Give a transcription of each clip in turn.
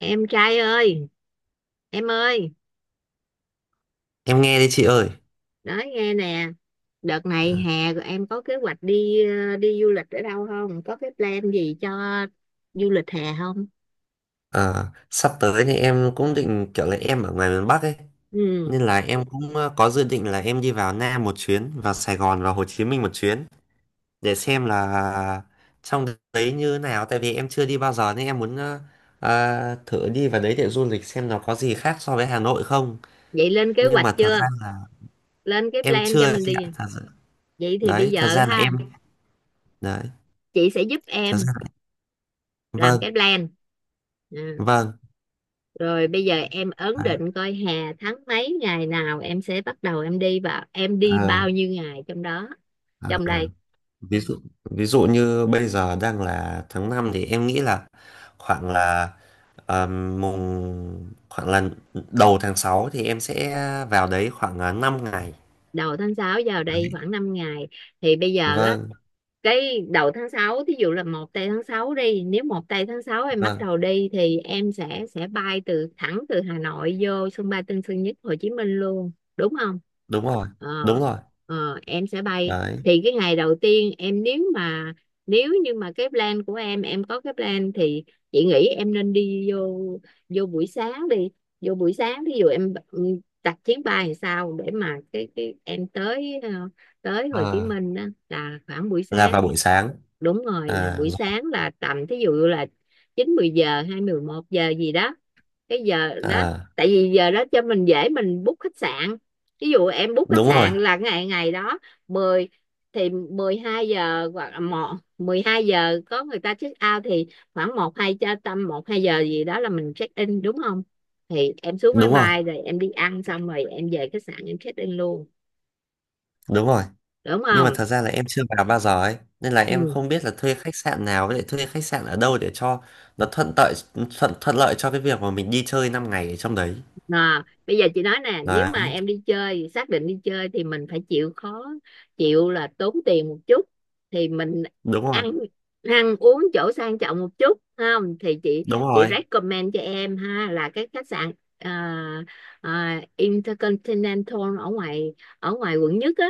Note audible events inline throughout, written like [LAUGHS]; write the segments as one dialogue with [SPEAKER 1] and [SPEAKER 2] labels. [SPEAKER 1] Em trai ơi, em ơi,
[SPEAKER 2] Em nghe đi chị ơi.
[SPEAKER 1] nói nghe nè. Đợt này hè rồi, em có kế hoạch đi du lịch ở đâu không, có cái plan gì cho du lịch hè không?
[SPEAKER 2] Ờ, sắp tới thì em cũng định kiểu là em ở ngoài miền Bắc ấy,
[SPEAKER 1] Ừ.
[SPEAKER 2] nên là em cũng có dự định là em đi vào Nam một chuyến, vào Sài Gòn và Hồ Chí Minh một chuyến để xem là trong đấy như nào, tại vì em chưa đi bao giờ nên em muốn thử đi vào đấy để du lịch xem nó có gì khác so với Hà Nội không.
[SPEAKER 1] Vậy lên kế
[SPEAKER 2] Nhưng
[SPEAKER 1] hoạch
[SPEAKER 2] mà thật ra
[SPEAKER 1] chưa,
[SPEAKER 2] là
[SPEAKER 1] lên cái
[SPEAKER 2] em
[SPEAKER 1] plan cho
[SPEAKER 2] chưa
[SPEAKER 1] mình
[SPEAKER 2] chị ạ,
[SPEAKER 1] đi.
[SPEAKER 2] thật ra,
[SPEAKER 1] Vậy thì bây
[SPEAKER 2] đấy, thật
[SPEAKER 1] giờ
[SPEAKER 2] ra là
[SPEAKER 1] ha,
[SPEAKER 2] em đấy,
[SPEAKER 1] chị sẽ giúp
[SPEAKER 2] thật
[SPEAKER 1] em
[SPEAKER 2] ra là
[SPEAKER 1] làm cái
[SPEAKER 2] vâng,
[SPEAKER 1] plan. Ừ.
[SPEAKER 2] vâng,
[SPEAKER 1] Rồi bây giờ em ấn
[SPEAKER 2] đấy.
[SPEAKER 1] định coi hè tháng mấy, ngày nào em sẽ bắt đầu em đi và em đi
[SPEAKER 2] Ờ,
[SPEAKER 1] bao nhiêu ngày trong đó,
[SPEAKER 2] ờ.
[SPEAKER 1] trong
[SPEAKER 2] Ờ.
[SPEAKER 1] đây.
[SPEAKER 2] ví dụ ví dụ như bây giờ đang là tháng 5 thì em nghĩ là khoảng là khoảng là đầu tháng 6 thì em sẽ vào đấy khoảng 5 ngày
[SPEAKER 1] Đầu tháng 6 vào đây
[SPEAKER 2] đấy.
[SPEAKER 1] khoảng 5 ngày. Thì bây giờ á,
[SPEAKER 2] Vâng,
[SPEAKER 1] cái đầu tháng 6 thí dụ là 1 tây tháng 6 đi, nếu 1 tây tháng 6 em bắt
[SPEAKER 2] vâng,
[SPEAKER 1] đầu đi thì em sẽ bay thẳng từ Hà Nội vô sân bay Tân Sơn Nhất Hồ Chí Minh luôn, đúng không?
[SPEAKER 2] đúng rồi,
[SPEAKER 1] ờ,
[SPEAKER 2] đúng rồi,
[SPEAKER 1] em sẽ bay.
[SPEAKER 2] đấy.
[SPEAKER 1] Thì cái ngày đầu tiên em, nếu như mà cái plan của em có cái plan thì chị nghĩ em nên đi vô vô buổi sáng đi, vô buổi sáng. Thí dụ em, đặt chuyến bay làm sao để mà cái em tới, tới Hồ Chí
[SPEAKER 2] Ờ,
[SPEAKER 1] Minh á, là khoảng buổi
[SPEAKER 2] là
[SPEAKER 1] sáng.
[SPEAKER 2] vào buổi sáng.
[SPEAKER 1] Đúng rồi, nhà
[SPEAKER 2] À,
[SPEAKER 1] buổi
[SPEAKER 2] rồi.
[SPEAKER 1] sáng là tầm, thí dụ là chín mười giờ, hai mười một giờ gì đó, cái giờ đó.
[SPEAKER 2] À,
[SPEAKER 1] Tại vì giờ đó cho mình dễ mình book khách sạn. Ví dụ em book khách
[SPEAKER 2] đúng rồi,
[SPEAKER 1] sạn là ngày ngày đó mười, thì 12 giờ hoặc là một 12 giờ có người ta check out, thì khoảng một hai cho tầm một hai giờ gì đó là mình check in, đúng không? Thì em xuống máy
[SPEAKER 2] đúng rồi,
[SPEAKER 1] bay rồi em đi ăn xong rồi em về khách sạn em check in luôn,
[SPEAKER 2] đúng rồi.
[SPEAKER 1] đúng
[SPEAKER 2] Nhưng mà
[SPEAKER 1] không?
[SPEAKER 2] thật ra là em chưa vào bao giờ ấy nên là em
[SPEAKER 1] Ừ.
[SPEAKER 2] không biết là thuê khách sạn nào với lại thuê khách sạn ở đâu để cho nó thuận lợi, thuận thuận lợi cho cái việc mà mình đi chơi 5 ngày ở trong đấy.
[SPEAKER 1] À, bây giờ chị nói nè, nếu
[SPEAKER 2] Đấy,
[SPEAKER 1] mà em đi chơi, xác định đi chơi thì mình phải chịu khó, chịu là tốn tiền một chút, thì mình
[SPEAKER 2] đúng rồi,
[SPEAKER 1] ăn ăn uống chỗ sang trọng một chút. Không thì chị
[SPEAKER 2] đúng
[SPEAKER 1] chị
[SPEAKER 2] rồi.
[SPEAKER 1] recommend cho em ha, là cái khách sạn, à, Intercontinental ở ngoài quận 1 á.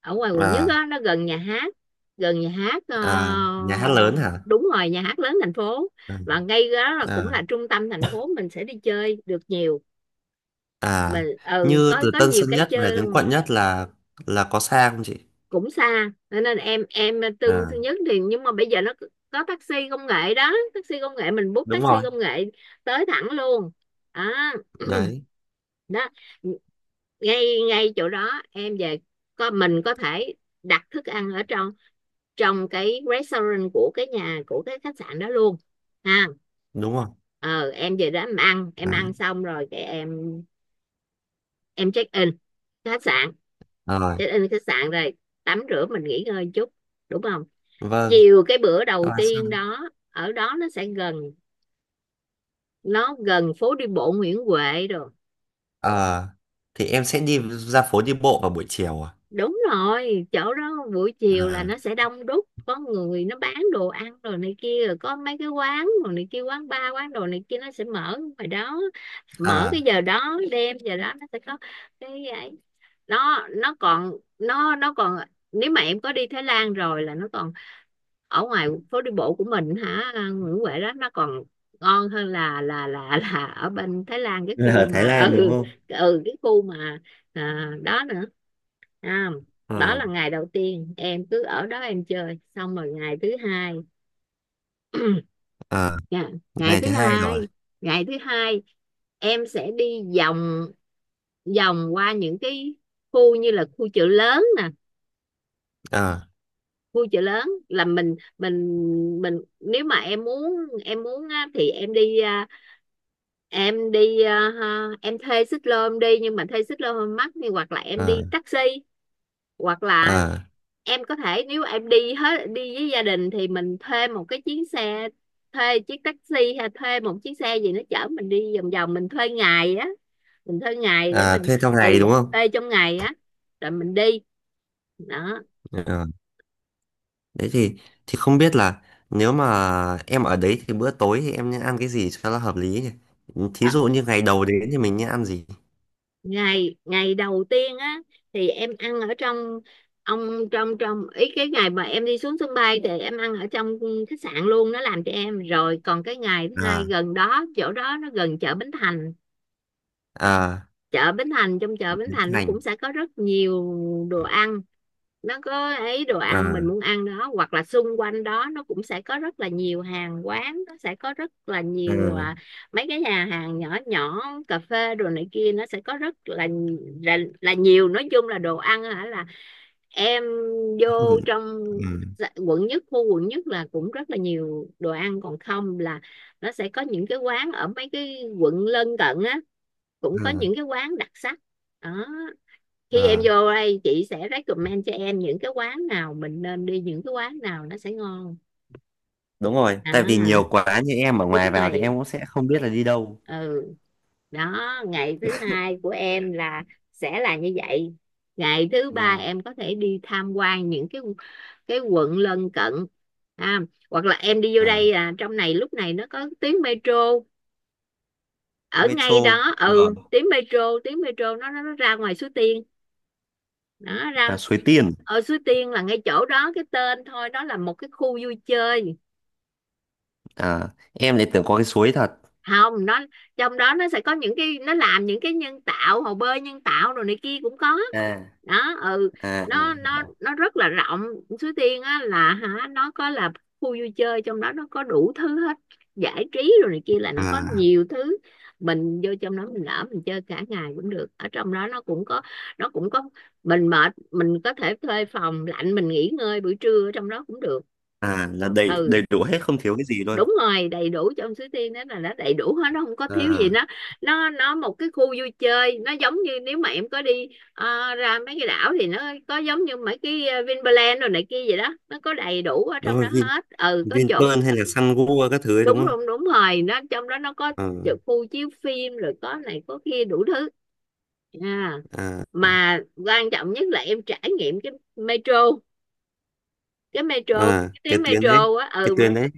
[SPEAKER 1] Ở ngoài quận nhất
[SPEAKER 2] À,
[SPEAKER 1] á, nó gần nhà hát, gần nhà hát,
[SPEAKER 2] à, nhà hát lớn hả?
[SPEAKER 1] đúng rồi, nhà hát lớn thành phố.
[SPEAKER 2] À,
[SPEAKER 1] Và ngay đó là cũng
[SPEAKER 2] à,
[SPEAKER 1] là trung tâm thành phố, mình sẽ đi chơi được nhiều.
[SPEAKER 2] à.
[SPEAKER 1] Mình
[SPEAKER 2] Như
[SPEAKER 1] có
[SPEAKER 2] từ
[SPEAKER 1] có
[SPEAKER 2] Tân
[SPEAKER 1] nhiều
[SPEAKER 2] Sơn
[SPEAKER 1] cái
[SPEAKER 2] Nhất về
[SPEAKER 1] chơi
[SPEAKER 2] đến
[SPEAKER 1] luôn.
[SPEAKER 2] quận Nhất là có xa không chị?
[SPEAKER 1] Cũng xa. Cho nên em tương
[SPEAKER 2] À,
[SPEAKER 1] thứ nhất thì, nhưng mà bây giờ nó có taxi công nghệ đó, taxi công nghệ, mình bút
[SPEAKER 2] đúng
[SPEAKER 1] taxi
[SPEAKER 2] rồi,
[SPEAKER 1] công nghệ tới thẳng luôn. à,
[SPEAKER 2] đấy,
[SPEAKER 1] [CLEARS THROAT] đó, ngay ngay chỗ đó em về, có mình có thể đặt thức ăn ở trong trong cái restaurant của cái khách sạn đó luôn, ha.
[SPEAKER 2] đúng rồi,
[SPEAKER 1] Ờ em về đó em
[SPEAKER 2] đấy,
[SPEAKER 1] ăn xong rồi cái em check in khách sạn,
[SPEAKER 2] rồi,
[SPEAKER 1] check in khách sạn rồi tắm rửa, mình nghỉ ngơi chút, đúng không?
[SPEAKER 2] vâng.
[SPEAKER 1] Chiều cái bữa
[SPEAKER 2] Các
[SPEAKER 1] đầu
[SPEAKER 2] bạn
[SPEAKER 1] tiên
[SPEAKER 2] xong.
[SPEAKER 1] đó, ở đó nó gần phố đi bộ Nguyễn Huệ rồi.
[SPEAKER 2] Ờ, thì em sẽ đi ra phố đi bộ vào buổi chiều. À,
[SPEAKER 1] Đúng rồi, chỗ đó buổi chiều là
[SPEAKER 2] à.
[SPEAKER 1] nó sẽ đông đúc, có người nó bán đồ ăn rồi này kia, rồi có mấy cái quán rồi này kia, quán bar, quán đồ này kia, nó sẽ mở ngoài đó. Mở cái
[SPEAKER 2] À.
[SPEAKER 1] giờ đó, đêm giờ đó nó sẽ có cái ấy. Nó còn, nếu mà em có đi Thái Lan rồi, là nó còn ở ngoài phố đi bộ của mình hả, Nguyễn Huệ đó, nó còn ngon hơn là ở bên Thái Lan, cái
[SPEAKER 2] Là
[SPEAKER 1] khu
[SPEAKER 2] ở Thái
[SPEAKER 1] mà [LAUGHS]
[SPEAKER 2] Lan đúng
[SPEAKER 1] ừ.
[SPEAKER 2] không?
[SPEAKER 1] Cái khu mà, à, đó nữa, à, đó
[SPEAKER 2] Ờ,
[SPEAKER 1] là ngày đầu tiên em cứ ở đó em chơi xong rồi ngày thứ hai. [CLEARS THROAT]
[SPEAKER 2] ờ.
[SPEAKER 1] Dạ. Ngày
[SPEAKER 2] Ngày thứ
[SPEAKER 1] thứ
[SPEAKER 2] hai rồi.
[SPEAKER 1] hai, ngày thứ hai, em sẽ đi vòng vòng qua những cái khu, như là khu chợ lớn nè.
[SPEAKER 2] Ờ,
[SPEAKER 1] Khu chợ lớn là mình nếu mà em muốn, em muốn á thì ha, em thuê xích lô em đi. Nhưng mà thuê xích lô hơi mắc, thì hoặc là em
[SPEAKER 2] ờ,
[SPEAKER 1] đi taxi, hoặc là
[SPEAKER 2] ờ,
[SPEAKER 1] em có thể, nếu em đi với gia đình thì mình thuê một cái chuyến xe, thuê chiếc taxi hay thuê một chiếc xe gì nó chở mình đi vòng vòng. Mình thuê ngày để
[SPEAKER 2] ờ,
[SPEAKER 1] mình,
[SPEAKER 2] thuê trong ngày đúng không?
[SPEAKER 1] thuê trong ngày á, rồi mình đi, đó.
[SPEAKER 2] Ờ, đấy. Thì không biết là nếu mà em ở đấy thì bữa tối thì em nên ăn cái gì cho nó hợp lý nhỉ? Thí
[SPEAKER 1] À,
[SPEAKER 2] dụ như ngày đầu đến thì mình nên ăn gì?
[SPEAKER 1] ngày ngày đầu tiên á thì em ăn ở trong, ông, trong trong ý cái ngày mà em đi xuống sân bay thì em ăn ở trong khách sạn luôn, nó làm cho em rồi. Còn cái ngày thứ hai
[SPEAKER 2] À,
[SPEAKER 1] gần đó, chỗ đó nó gần chợ Bến Thành.
[SPEAKER 2] à.
[SPEAKER 1] Chợ Bến Thành, trong chợ Bến
[SPEAKER 2] Biến
[SPEAKER 1] Thành nó
[SPEAKER 2] thành.
[SPEAKER 1] cũng sẽ có rất nhiều đồ
[SPEAKER 2] À,
[SPEAKER 1] ăn. Nó có ấy đồ ăn mình
[SPEAKER 2] à,
[SPEAKER 1] muốn ăn đó, hoặc là xung quanh đó nó cũng sẽ có rất là nhiều hàng quán. Nó sẽ có rất là nhiều,
[SPEAKER 2] à,
[SPEAKER 1] mấy cái nhà hàng nhỏ nhỏ, cà phê, đồ này kia, nó sẽ có rất là là nhiều. Nói chung là đồ ăn hả, là em vô trong, quận 1, khu quận nhất là cũng rất là nhiều đồ ăn. Còn không là nó sẽ có những cái quán ở mấy cái quận lân cận á, cũng có những cái quán đặc sắc đó. Khi em
[SPEAKER 2] à.
[SPEAKER 1] vô đây chị sẽ recommend cho em những cái quán nào mình nên đi, những cái quán nào nó sẽ ngon.
[SPEAKER 2] Đúng rồi, tại vì
[SPEAKER 1] À,
[SPEAKER 2] nhiều quá như em ở ngoài
[SPEAKER 1] đúng
[SPEAKER 2] vào thì
[SPEAKER 1] rồi.
[SPEAKER 2] em cũng sẽ không biết là đi đâu.
[SPEAKER 1] Ừ. Đó, ngày thứ hai của em là sẽ là như vậy. Ngày thứ ba
[SPEAKER 2] Vâng.
[SPEAKER 1] em có thể đi tham quan những cái quận lân cận. À, hoặc là em đi vô
[SPEAKER 2] À.
[SPEAKER 1] đây là trong này, lúc này nó có tuyến metro ở ngay
[SPEAKER 2] Metro.
[SPEAKER 1] đó,
[SPEAKER 2] Ờ.
[SPEAKER 1] ừ, tuyến metro nó ra ngoài Suối Tiên. Đó,
[SPEAKER 2] À,
[SPEAKER 1] ra
[SPEAKER 2] Suối Tiên.
[SPEAKER 1] ở Suối Tiên là ngay chỗ đó, cái tên thôi. Đó là một cái khu vui chơi.
[SPEAKER 2] À, em lại tưởng có cái suối thật.
[SPEAKER 1] Không, nó trong đó nó sẽ có những cái, nó làm những cái nhân tạo, hồ bơi nhân tạo rồi này kia cũng có
[SPEAKER 2] À,
[SPEAKER 1] đó. Ừ,
[SPEAKER 2] à, à. Hiểu.
[SPEAKER 1] nó rất là rộng. Suối Tiên á là hả, nó có là khu vui chơi, trong đó nó có đủ thứ hết, giải trí rồi này kia, là nó có
[SPEAKER 2] À,
[SPEAKER 1] nhiều thứ. Mình vô trong đó, mình ở mình chơi cả ngày cũng được. Ở trong đó nó cũng có, nó cũng có mình mệt mình có thể thuê phòng lạnh, mình nghỉ ngơi buổi trưa ở trong đó cũng được.
[SPEAKER 2] à, là đầy
[SPEAKER 1] Ừ,
[SPEAKER 2] đầy đủ hết không thiếu cái gì luôn?
[SPEAKER 1] đúng rồi, đầy đủ. Trong Suối Tiên đó là nó đầy đủ hết, nó không có thiếu
[SPEAKER 2] À,
[SPEAKER 1] gì. Nó một cái khu vui chơi, nó giống như nếu mà em có đi, ra mấy cái đảo thì nó có giống như mấy cái, Vinpearl rồi này kia vậy đó. Nó có đầy đủ ở
[SPEAKER 2] đúng
[SPEAKER 1] trong đó
[SPEAKER 2] rồi.
[SPEAKER 1] hết, ừ, có chỗ.
[SPEAKER 2] Vinpearl hay là Sun Gua các thứ ấy đúng
[SPEAKER 1] Đúng,
[SPEAKER 2] không?
[SPEAKER 1] đúng, đúng rồi, nó trong đó nó có
[SPEAKER 2] Ờ,
[SPEAKER 1] chỗ khu chiếu phim rồi, có này có kia đủ thứ. À.
[SPEAKER 2] à, à.
[SPEAKER 1] Mà quan trọng nhất là em trải nghiệm cái metro,
[SPEAKER 2] À,
[SPEAKER 1] cái
[SPEAKER 2] cái
[SPEAKER 1] tuyến
[SPEAKER 2] tuyến đấy,
[SPEAKER 1] metro á.
[SPEAKER 2] cái tuyến đấy.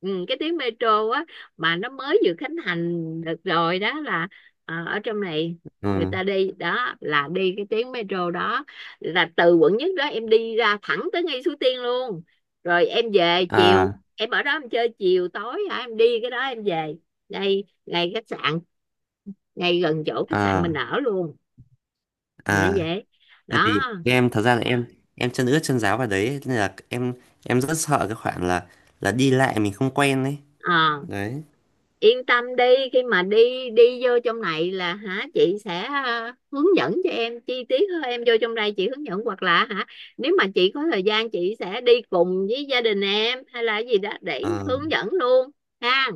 [SPEAKER 1] Cái tuyến metro á, mà nó mới vừa khánh thành được rồi đó. Là, ở trong này người
[SPEAKER 2] Ừ.
[SPEAKER 1] ta đi đó là đi cái tuyến metro đó, là từ quận 1 đó em đi ra thẳng tới ngay Suối Tiên luôn. Rồi em về chiều,
[SPEAKER 2] À,
[SPEAKER 1] em ở đó em chơi chiều tối hả, em đi cái đó em về ngay ngay khách sạn, ngay gần chỗ khách sạn
[SPEAKER 2] à,
[SPEAKER 1] mình ở luôn. Thì nó
[SPEAKER 2] à.
[SPEAKER 1] vậy
[SPEAKER 2] Tại
[SPEAKER 1] đó.
[SPEAKER 2] vì em thật ra là em chân ướt chân ráo vào đấy nên là em rất sợ cái khoản là đi lại mình không quen đấy,
[SPEAKER 1] Ờ,
[SPEAKER 2] đấy.
[SPEAKER 1] yên tâm đi. Khi mà đi đi vô trong này là hả, chị sẽ, hướng dẫn cho em chi tiết hơn. Em vô trong đây chị hướng dẫn, hoặc là hả, nếu mà chị có thời gian chị sẽ đi cùng với gia đình em hay là gì đó để
[SPEAKER 2] Ờ.
[SPEAKER 1] hướng dẫn luôn, ha.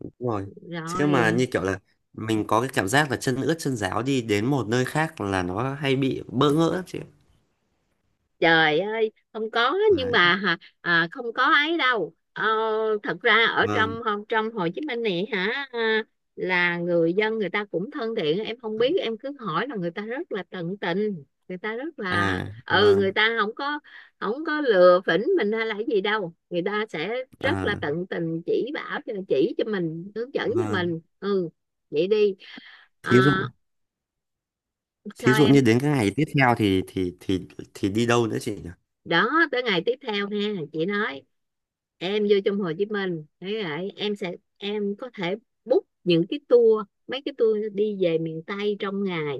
[SPEAKER 2] Đúng rồi. Chứ mà
[SPEAKER 1] Rồi.
[SPEAKER 2] như kiểu là mình có cái cảm giác là chân ướt chân ráo đi đến một nơi khác là nó hay bị bỡ ngỡ lắm chị ạ.
[SPEAKER 1] Trời ơi, không có, nhưng
[SPEAKER 2] Đấy.
[SPEAKER 1] mà hả, à, không có ấy đâu. Ờ, thật ra ở
[SPEAKER 2] Vâng.
[SPEAKER 1] trong trong Hồ Chí Minh này hả, à, là người dân người ta cũng thân thiện. Em không biết em cứ hỏi là người ta rất là tận tình, người ta rất là,
[SPEAKER 2] À,
[SPEAKER 1] người
[SPEAKER 2] vâng.
[SPEAKER 1] ta không có lừa phỉnh mình hay là cái gì đâu. Người ta sẽ rất là
[SPEAKER 2] À,
[SPEAKER 1] tận tình, chỉ cho mình, hướng dẫn cho
[SPEAKER 2] vâng.
[SPEAKER 1] mình. Ừ, vậy đi. À,
[SPEAKER 2] Thí dụ. thí
[SPEAKER 1] sao
[SPEAKER 2] dụ như
[SPEAKER 1] em?
[SPEAKER 2] đến cái ngày tiếp theo thì đi đâu nữa chị nhỉ?
[SPEAKER 1] Đó, tới ngày tiếp theo ha, chị nói. Em vô trong Hồ Chí Minh thế vậy em sẽ em có thể book những cái tour mấy cái tour đi về miền Tây trong ngày,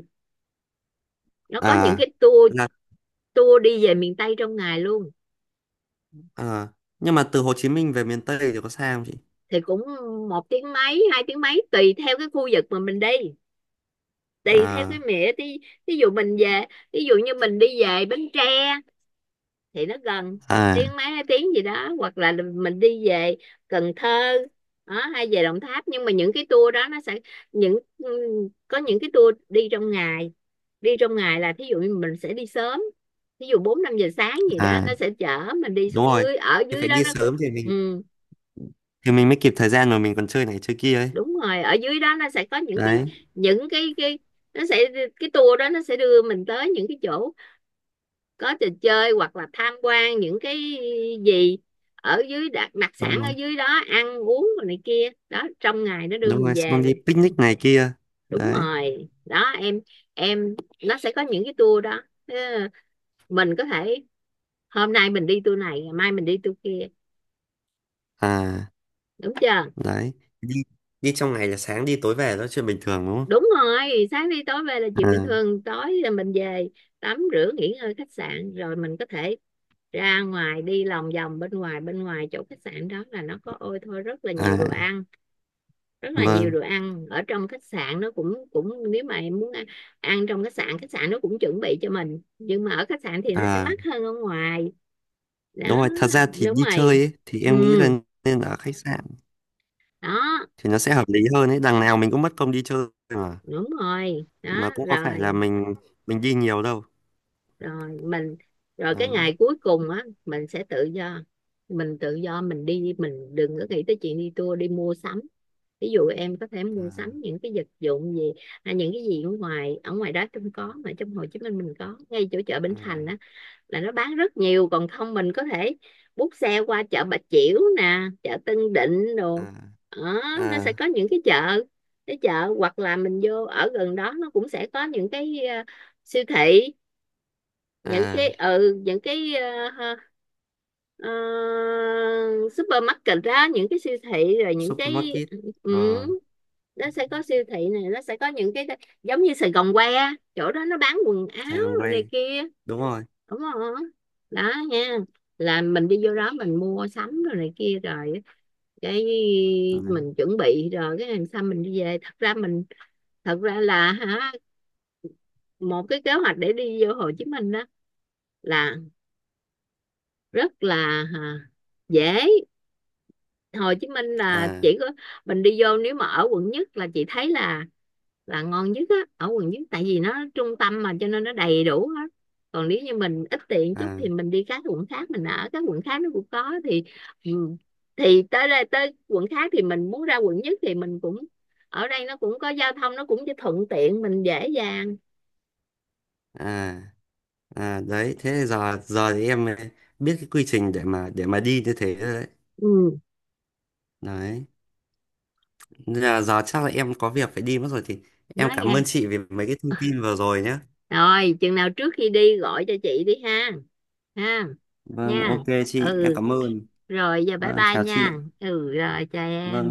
[SPEAKER 1] nó có những
[SPEAKER 2] À,
[SPEAKER 1] cái tour
[SPEAKER 2] là.
[SPEAKER 1] tour đi về miền Tây trong ngày luôn.
[SPEAKER 2] À, nhưng mà từ Hồ Chí Minh về miền Tây thì có xa không chị?
[SPEAKER 1] Thì cũng một tiếng mấy hai tiếng mấy tùy theo cái khu vực mà mình đi, tùy theo cái
[SPEAKER 2] À,
[SPEAKER 1] mẹ đi. ví dụ mình về Ví dụ như mình đi về Bến Tre thì nó gần,
[SPEAKER 2] à,
[SPEAKER 1] tiếng mấy hai tiếng gì đó, hoặc là mình đi về Cần Thơ đó, hay về Đồng Tháp. Nhưng mà những cái tour đó nó sẽ những có những cái tour đi trong ngày. Đi trong ngày là thí dụ như mình sẽ đi sớm, thí dụ bốn năm giờ sáng gì đó,
[SPEAKER 2] à,
[SPEAKER 1] nó sẽ chở mình đi
[SPEAKER 2] đúng
[SPEAKER 1] xuống
[SPEAKER 2] rồi.
[SPEAKER 1] dưới, ở
[SPEAKER 2] Thì
[SPEAKER 1] dưới
[SPEAKER 2] phải
[SPEAKER 1] đó
[SPEAKER 2] đi
[SPEAKER 1] nó
[SPEAKER 2] sớm thì mình
[SPEAKER 1] ừ,
[SPEAKER 2] thì mình mới kịp thời gian rồi mình còn chơi này chơi kia ấy.
[SPEAKER 1] đúng rồi. Ở dưới đó nó sẽ có những
[SPEAKER 2] Đấy,
[SPEAKER 1] những cái cái nó sẽ cái tour đó, nó sẽ đưa mình tới những cái chỗ có trò chơi hoặc là tham quan những cái gì ở dưới, đặc sản
[SPEAKER 2] đúng
[SPEAKER 1] ở
[SPEAKER 2] rồi.
[SPEAKER 1] dưới đó, ăn uống này kia, đó trong ngày nó đưa
[SPEAKER 2] Đúng
[SPEAKER 1] mình
[SPEAKER 2] rồi, xong
[SPEAKER 1] về.
[SPEAKER 2] đi picnic này kia.
[SPEAKER 1] Đúng
[SPEAKER 2] Đấy.
[SPEAKER 1] rồi đó em. em nó sẽ có những cái tour đó. Ờ, mình có thể hôm nay mình đi tour này, ngày mai mình đi tour kia,
[SPEAKER 2] À,
[SPEAKER 1] đúng chưa?
[SPEAKER 2] đấy. Đi đi trong ngày là sáng đi tối về đó là chuyện bình thường đúng không?
[SPEAKER 1] Đúng rồi, sáng đi tối về là chuyện bình
[SPEAKER 2] À,
[SPEAKER 1] thường. Tối là mình về tắm rửa nghỉ ngơi khách sạn, rồi mình có thể ra ngoài đi lòng vòng bên ngoài, bên ngoài chỗ khách sạn đó là nó có ôi thôi rất là nhiều đồ
[SPEAKER 2] à,
[SPEAKER 1] ăn, rất là nhiều
[SPEAKER 2] vâng.
[SPEAKER 1] đồ ăn. Ở trong khách sạn nó cũng cũng nếu mà em muốn ăn, ăn trong khách sạn, khách sạn nó cũng chuẩn bị cho mình, nhưng mà ở khách sạn thì nó sẽ
[SPEAKER 2] À,
[SPEAKER 1] mắc hơn ở ngoài đó.
[SPEAKER 2] đúng rồi, thật ra thì
[SPEAKER 1] Đúng
[SPEAKER 2] đi
[SPEAKER 1] rồi.
[SPEAKER 2] chơi ấy, thì em nghĩ là
[SPEAKER 1] Ừ,
[SPEAKER 2] nên ở khách sạn
[SPEAKER 1] đó
[SPEAKER 2] thì nó sẽ hợp lý hơn ấy, đằng nào mình cũng mất công đi chơi mà.
[SPEAKER 1] đúng rồi đó.
[SPEAKER 2] Mà cũng có phải là
[SPEAKER 1] Rồi
[SPEAKER 2] mình đi nhiều đâu.
[SPEAKER 1] rồi mình rồi cái
[SPEAKER 2] Đó.
[SPEAKER 1] ngày cuối cùng á mình sẽ tự do, mình tự do mình đi, mình đừng có nghĩ tới chuyện đi tour, đi mua sắm. Ví dụ em có thể mua sắm những cái vật dụng gì, à, những cái gì ở ngoài, ở ngoài đó không có, mà trong Hồ Chí Minh mình có ngay chỗ chợ Bến
[SPEAKER 2] À,
[SPEAKER 1] Thành á, là nó bán rất nhiều. Còn không mình có thể bút xe qua chợ Bà Chiểu nè, chợ Tân Định
[SPEAKER 2] à,
[SPEAKER 1] đồ đó, nó sẽ
[SPEAKER 2] à,
[SPEAKER 1] có những cái chợ, hoặc là mình vô ở gần đó nó cũng sẽ có những cái siêu thị, những cái
[SPEAKER 2] à.
[SPEAKER 1] ừ những cái ờ, ha, ờ, supermarket đó, những cái siêu thị, rồi những cái
[SPEAKER 2] Supermarket.
[SPEAKER 1] ừ,
[SPEAKER 2] Ờ.
[SPEAKER 1] nó sẽ có siêu thị này, nó sẽ có những cái giống như Sài Gòn que, chỗ đó nó bán quần áo
[SPEAKER 2] Sài Gòn
[SPEAKER 1] rồi này
[SPEAKER 2] Way.
[SPEAKER 1] kia,
[SPEAKER 2] Đúng rồi,
[SPEAKER 1] đúng không? Đó nha, là mình đi vô đó mình mua sắm rồi này kia, rồi cái
[SPEAKER 2] đấy.
[SPEAKER 1] mình chuẩn bị, rồi cái làm sao mình đi về. Thật ra mình, thật ra là hả, một cái kế hoạch để đi vô Hồ Chí Minh đó là rất là, à, dễ. Hồ Chí Minh là
[SPEAKER 2] À,
[SPEAKER 1] chỉ có mình đi vô, nếu mà ở quận nhất là chị thấy là ngon nhất á, ở quận nhất tại vì nó trung tâm mà cho nên nó đầy đủ hết. Còn nếu như mình ít tiền chút thì
[SPEAKER 2] à,
[SPEAKER 1] mình đi các quận khác, mình ở các quận khác nó cũng có thì ừ, thì tới đây tới quận khác thì mình muốn ra quận nhất thì mình cũng, ở đây nó cũng có giao thông, nó cũng thuận tiện mình dễ dàng.
[SPEAKER 2] à, à, đấy, thế giờ giờ thì em biết cái quy trình để mà đi như thế rồi đấy,
[SPEAKER 1] Ừ,
[SPEAKER 2] đấy. Nên là giờ chắc là em có việc phải đi mất rồi thì em
[SPEAKER 1] nói
[SPEAKER 2] cảm
[SPEAKER 1] nghe,
[SPEAKER 2] ơn chị vì mấy cái thông tin vừa rồi nhé.
[SPEAKER 1] rồi chừng nào trước khi đi gọi cho chị đi ha, ha,
[SPEAKER 2] Vâng,
[SPEAKER 1] nha.
[SPEAKER 2] ok chị, em
[SPEAKER 1] Ừ,
[SPEAKER 2] cảm ơn.
[SPEAKER 1] rồi giờ bye
[SPEAKER 2] Vâng,
[SPEAKER 1] bye
[SPEAKER 2] chào chị
[SPEAKER 1] nha.
[SPEAKER 2] ạ.
[SPEAKER 1] Ừ, rồi chào
[SPEAKER 2] Vâng
[SPEAKER 1] em.
[SPEAKER 2] ạ.